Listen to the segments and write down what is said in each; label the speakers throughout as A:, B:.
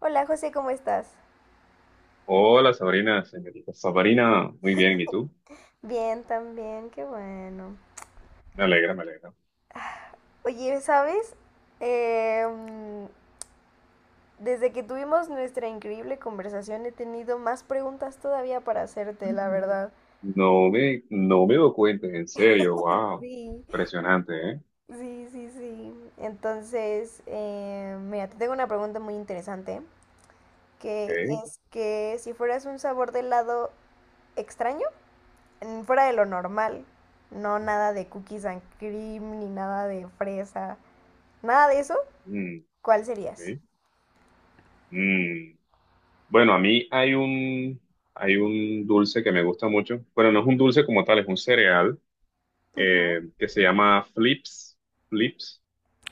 A: Hola José, ¿cómo estás?
B: Hola Sabrina, señorita Sabrina, muy bien, ¿y tú?
A: Bien, también, qué bueno.
B: Me alegra, me alegra.
A: Oye, ¿sabes? Em, desde que tuvimos nuestra increíble conversación he tenido más preguntas todavía para hacerte, la verdad.
B: No me doy cuenta, en serio, wow,
A: Sí,
B: impresionante, ¿eh?
A: sí, sí, sí. Entonces, mira, te tengo una pregunta muy interesante, que
B: Ok,
A: es que si fueras un sabor de helado extraño, fuera de lo normal, no, nada de cookies and cream, ni nada de fresa, nada de eso.
B: mm,
A: ¿Cuál
B: ok,
A: serías?
B: mm. Bueno, a mí hay un dulce que me gusta mucho, bueno, no es un dulce como tal, es un cereal
A: Ujú.
B: que se llama Flips, Flips,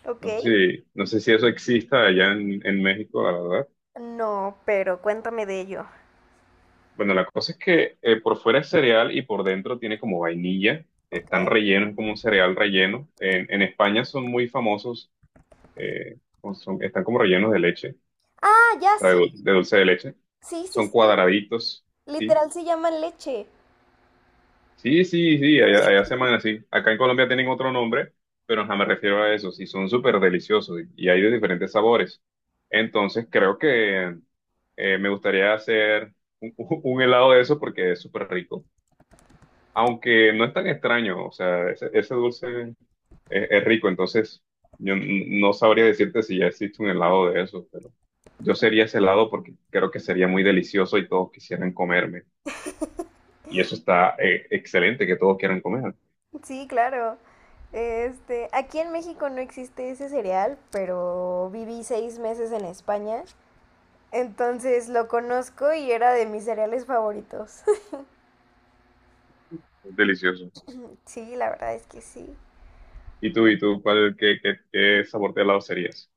A: Ok.
B: no sé si, no sé si eso exista allá en México, la verdad.
A: No, pero cuéntame de ello.
B: Bueno, la cosa es que por fuera es cereal y por dentro tiene como vainilla. Están
A: Ok.
B: rellenos, como un cereal relleno. En España son muy famosos, o están como rellenos de leche, o
A: Ah, ya
B: sea,
A: sí.
B: de dulce de leche.
A: Sí, sí,
B: Son
A: sí.
B: cuadraditos, ¿sí?
A: Literal se llama leche.
B: Sí, sí, sí, allá, allá se llaman así. Acá en Colombia tienen otro nombre, pero ajá, me refiero a eso. Sí, son súper deliciosos y hay de diferentes sabores. Entonces creo que me gustaría hacer un, un helado de eso porque es súper rico. Aunque no es tan extraño, o sea, ese dulce es rico, entonces yo no sabría decirte si ya existe un helado de eso, pero yo sería ese helado porque creo que sería muy delicioso y todos quisieran comerme. Y eso está excelente, que todos quieran comer.
A: Sí, claro. Este, aquí en México no existe ese cereal, pero viví 6 meses en España. Entonces lo conozco y era de mis cereales favoritos.
B: Es delicioso.
A: Sí, la verdad es que sí.
B: ¿Y tú, cuál, qué sabor de helado serías?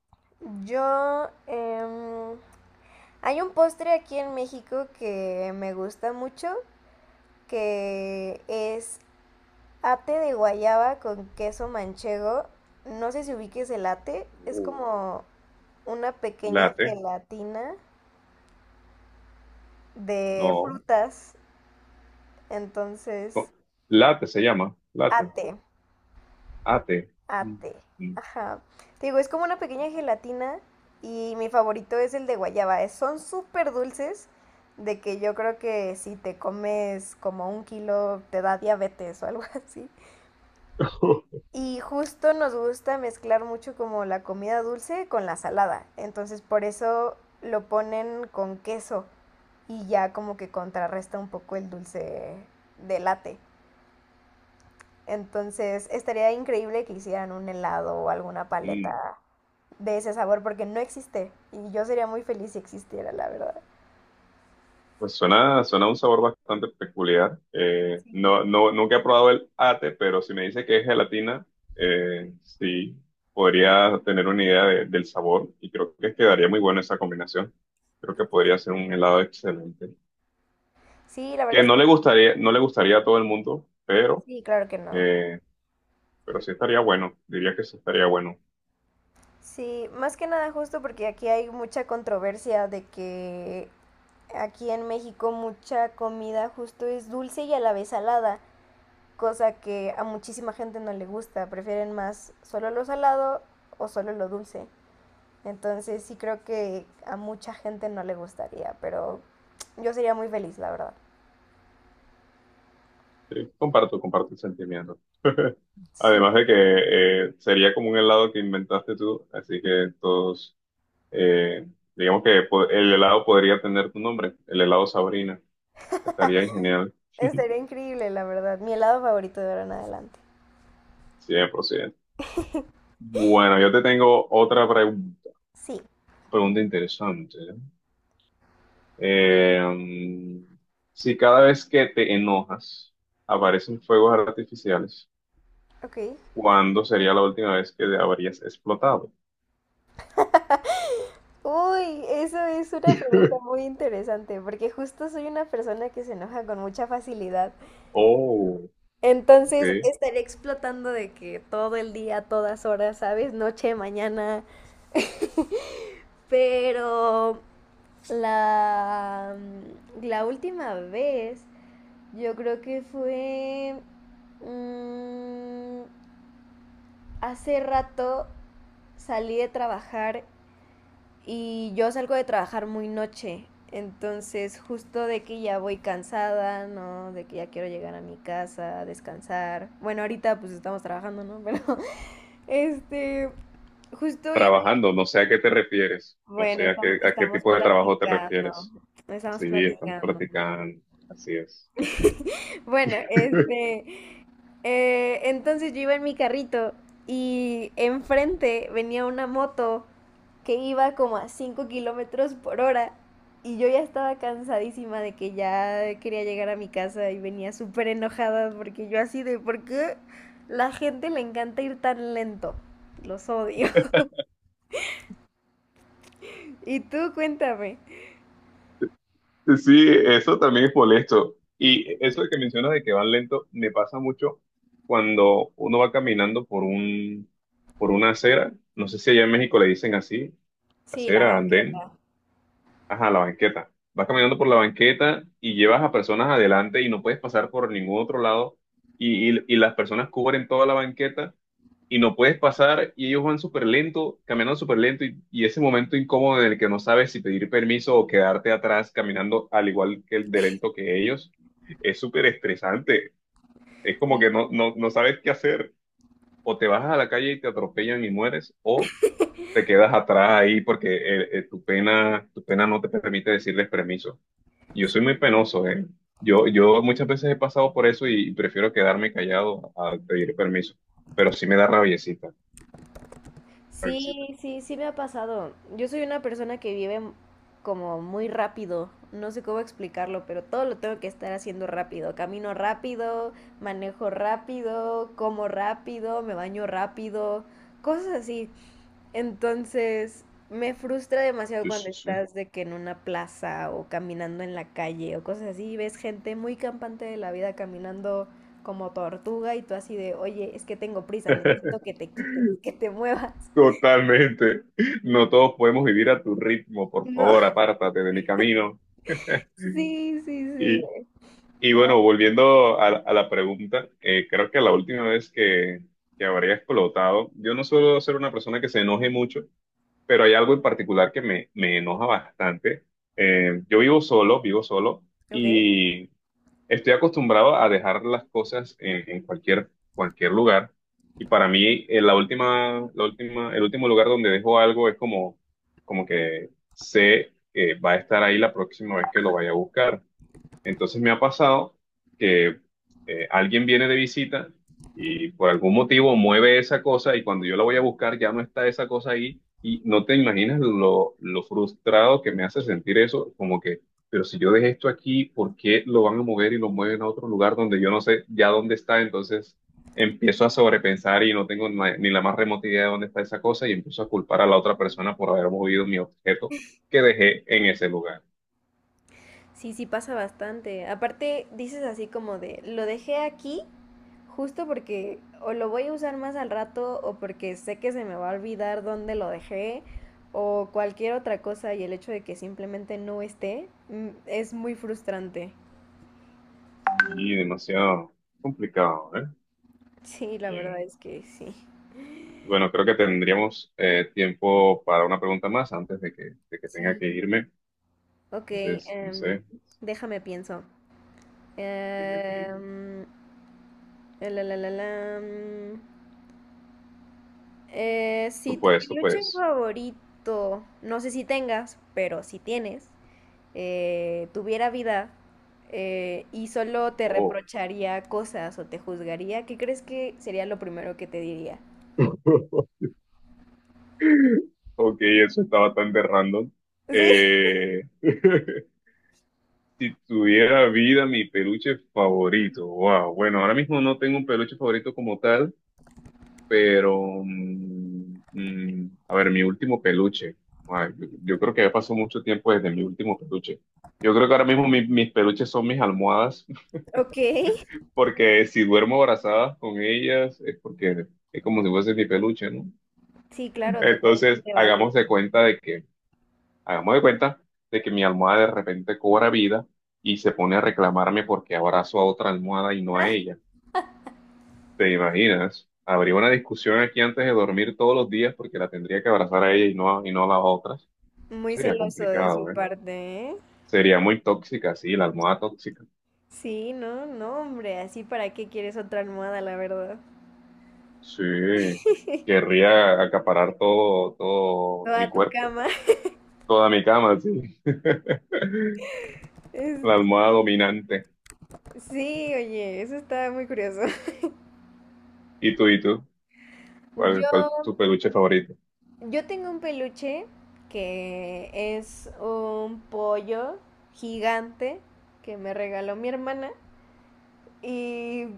A: Yo, hay un postre aquí en México que me gusta mucho, que es ate de guayaba con queso manchego. No sé si ubiques el ate. Es
B: Uh,
A: como una pequeña
B: latte.
A: gelatina de
B: No.
A: frutas. Entonces,
B: Co- Latte se llama Latte.
A: ate,
B: Ate. Mm.
A: ate.
B: Mm.
A: Ajá. Te digo, es como una pequeña gelatina y mi favorito es el de guayaba. Es- Son súper dulces, de que yo creo que si te comes como un kilo te da diabetes o algo así. Y justo nos gusta mezclar mucho como la comida dulce con la salada. Entonces por eso lo ponen con queso y ya como que contrarresta un poco el dulce de latte. Entonces estaría increíble que hicieran un helado o alguna paleta
B: Mm.
A: de ese sabor porque no existe y yo sería muy feliz si existiera, la verdad.
B: Pues suena un sabor bastante peculiar.
A: Sí.
B: No, no, nunca he probado el ate, pero si me dice que es gelatina, sí, podría tener una idea del sabor y creo que quedaría muy buena esa combinación. Creo que podría ser un helado excelente.
A: Sí, la
B: Que
A: verdad es
B: no le
A: que
B: gustaría, no le gustaría a todo el mundo,
A: sí, claro que no.
B: eh, pero sí estaría bueno. Diría que sí estaría bueno.
A: Sí, más que nada justo porque aquí hay mucha controversia de que aquí en México mucha comida justo es dulce y a la vez salada, cosa que a muchísima gente no le gusta, prefieren más solo lo salado o solo lo dulce. Entonces sí creo que a mucha gente no le gustaría, pero yo sería muy feliz, la verdad.
B: Sí, comparto el sentimiento.
A: Sí,
B: Además de que sería como un helado que inventaste tú, así que todos. Eh, digamos que el helado podría tener tu nombre, el helado Sabrina. Estaría genial,
A: estaría increíble, la verdad. Mi helado favorito de ahora en adelante.
B: 100%. Bueno, yo te tengo otra
A: Sí,
B: pregunta interesante. Eh, mm, si cada vez que te enojas aparecen fuegos artificiales,
A: ok.
B: ¿cuándo sería la última vez que habrías explotado?
A: Uy, eso es una pregunta muy interesante, porque justo soy una persona que se enoja con mucha facilidad.
B: Oh,
A: Entonces
B: ok.
A: estaré explotando de que todo el día, todas horas, ¿sabes? Noche, mañana. Pero la última vez, yo creo que fue, mm, hace rato salí de trabajar y yo salgo de trabajar muy noche, entonces justo de que ya voy cansada, ¿no? De que ya quiero llegar a mi casa, descansar. Bueno, ahorita pues estamos trabajando, ¿no? Pero este, justo iba...
B: Trabajando, no sé a qué te refieres, no
A: Bueno,
B: sé a
A: estamos,
B: qué, a qué
A: estamos
B: tipo de trabajo te
A: platicando,
B: refieres.
A: estamos
B: Sí, estamos
A: platicando.
B: practicando, así es.
A: Bueno, este, entonces yo iba en mi carrito y enfrente venía una moto que iba como a 5 kilómetros por hora y yo ya estaba cansadísima de que ya quería llegar a mi casa y venía súper enojada, porque yo así de ¿por qué la gente le encanta ir tan lento? Los odio. Y tú cuéntame.
B: Sí, eso también es molesto. Y eso de que mencionas de que van lento, me pasa mucho cuando uno va caminando por una acera. No sé si allá en México le dicen así,
A: Sí, la
B: acera, andén.
A: banqueta.
B: Ajá, la banqueta. Vas caminando por la banqueta y llevas a personas adelante y no puedes pasar por ningún otro lado y las personas cubren toda la banqueta y no puedes pasar y ellos van súper lento, caminando súper lento y ese momento incómodo en el que no sabes si pedir permiso o quedarte atrás caminando al igual que el de lento que ellos, es súper estresante. Es como que no,
A: Sí,
B: no, no sabes qué hacer. O te bajas a la calle y te atropellan y mueres o te quedas atrás ahí porque tu pena no te permite decirles permiso. Yo soy
A: sí.
B: muy penoso, ¿eh? Yo muchas veces he pasado por eso y, prefiero quedarme callado a pedir permiso, pero sí me da rabiecita, rabiecita.
A: Sí, sí, sí me ha pasado. Yo soy una persona que vive m- como muy rápido. No sé cómo explicarlo, pero todo lo tengo que estar haciendo rápido. Camino rápido, manejo rápido, como rápido, me baño rápido, cosas así. Entonces, me frustra demasiado
B: Sí,
A: cuando
B: sí, sí.
A: estás de que en una plaza o caminando en la calle o cosas así, y ves gente muy campante de la vida caminando como tortuga y tú así de, oye, es que tengo prisa, necesito que te quites, que te muevas.
B: Totalmente. No todos podemos vivir a tu ritmo, por
A: No,
B: favor, apártate de mi camino.
A: sí, sí, sí.
B: Y, y bueno,
A: Ah,
B: volviendo a la pregunta, creo que la última vez que habría explotado, yo no suelo ser una persona que se enoje mucho, pero hay algo en particular que me enoja bastante. Yo vivo solo,
A: ok.
B: y estoy acostumbrado a dejar las cosas en cualquier lugar. Y para mí, el último lugar donde dejo algo es como, como que sé que va a estar ahí la próxima vez que lo vaya a buscar. Entonces me ha pasado que alguien viene de visita y por algún motivo mueve esa cosa y cuando yo la voy a buscar ya no está esa cosa ahí y no te imaginas lo frustrado que me hace sentir eso, como que, pero si yo dejé esto aquí, ¿por qué lo van a mover y lo mueven a otro lugar donde yo no sé ya dónde está? Entonces empiezo a sobrepensar y no tengo ni la más remota idea de dónde está esa cosa y empiezo a culpar a la otra persona por haber movido mi objeto que dejé en ese lugar.
A: Sí, sí pasa bastante. Aparte, dices así como de, lo dejé aquí justo porque o lo voy a usar más al rato o porque sé que se me va a olvidar dónde lo dejé o cualquier otra cosa, y el hecho de que simplemente no esté, es muy frustrante.
B: Y demasiado complicado, ¿eh?
A: Sí, la verdad
B: Bien.
A: es que sí.
B: Bueno, creo que tendríamos tiempo para una pregunta más antes de que tenga
A: Sí.
B: que irme.
A: Ok,
B: Entonces, no sé.
A: déjame pienso.
B: Ok, ok.
A: Em, la, mm. Si
B: Tú
A: tu
B: puedes, tú
A: peluche
B: puedes.
A: favorito, no sé si tengas, pero si tienes, tuviera vida y solo te
B: Oh,
A: reprocharía cosas o te juzgaría, ¿qué crees que sería lo primero que te diría?
B: ok, eso estaba tan de random.
A: Sí,
B: Eh, si tuviera vida, mi peluche favorito. Wow. Bueno, ahora mismo no tengo un peluche favorito como tal. Pero, a ver, mi último peluche. Ay, yo creo que ya pasó mucho tiempo desde mi último peluche. Yo creo que ahora mismo mis peluches son mis almohadas,
A: ok.
B: porque si duermo abrazadas con ellas es porque es como si fuese mi peluche, ¿no?
A: Sí, claro,
B: Entonces,
A: totalmente
B: hagamos
A: válido.
B: de cuenta de que, hagamos de cuenta mi almohada de repente cobra vida y se pone a reclamarme porque abrazo a otra almohada y no a ella. ¿Te imaginas? Habría una discusión aquí antes de dormir todos los días porque la tendría que abrazar a ella y no a las otras.
A: Muy
B: Sería
A: celoso de su
B: complicado, ¿eh?
A: parte, ¿eh?
B: Sería muy tóxica, sí, la almohada tóxica.
A: Sí, no, no, hombre, así para qué quieres otra almohada, la verdad.
B: Sí, querría acaparar todo, todo
A: Toda
B: mi
A: tu
B: cuerpo,
A: cama.
B: toda mi cama, sí.
A: Es-
B: La almohada dominante.
A: Sí, oye, eso está muy curioso.
B: ¿Y tú? ¿Cuál,
A: Yo
B: cuál es tu peluche favorito?
A: Yo tengo un peluche que es un pollo gigante que me regaló mi hermana y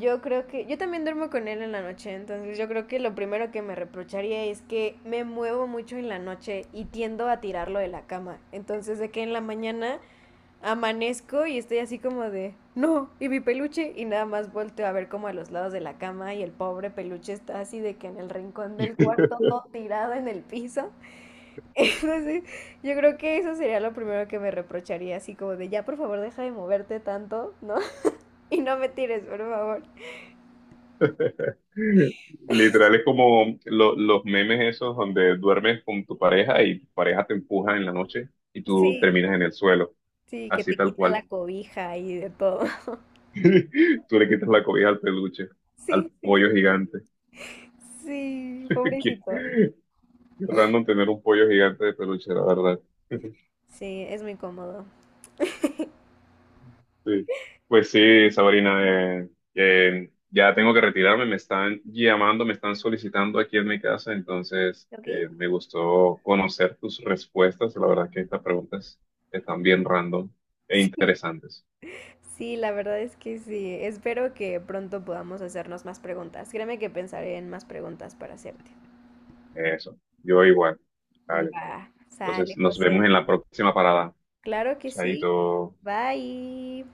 A: yo creo que yo también duermo con él en la noche, entonces yo creo que lo primero que me reprocharía es que me muevo mucho en la noche y tiendo a tirarlo de la cama. Entonces de que en la mañana amanezco y estoy así como de, no, y mi peluche, y nada más volteo a ver como a los lados de la cama y el pobre peluche está así de que en el rincón del cuarto todo tirado en el piso. Entonces, yo creo que eso sería lo primero que me reprocharía, así como de ya, por favor, deja de moverte tanto, ¿no? Y no me tires, por favor.
B: Literal es como los memes esos donde duermes con tu pareja y tu pareja te empuja en la noche y tú
A: Sí,
B: terminas en el suelo,
A: sí, que
B: así
A: te
B: tal
A: quita
B: cual.
A: la cobija y de todo.
B: Tú le quitas la cobija al peluche, al
A: Sí, sí,
B: pollo gigante.
A: sí,
B: Qué,
A: pobrecito.
B: qué random tener un pollo gigante de peluche, la verdad.
A: Sí, es muy cómodo.
B: Sí. Pues sí, Sabrina, eh, ya tengo que retirarme, me están llamando, me están solicitando aquí en mi casa, entonces
A: ¿Ok?
B: me gustó conocer tus respuestas, la verdad que estas preguntas están bien random e
A: Sí,
B: interesantes.
A: sí, la verdad es que sí. Espero que pronto podamos hacernos más preguntas. Créeme que pensaré en más preguntas para hacerte.
B: Eso, yo igual. Vale,
A: Va,
B: entonces
A: sale,
B: nos
A: José.
B: vemos en la próxima parada.
A: Claro que sí.
B: Chaito.
A: Bye.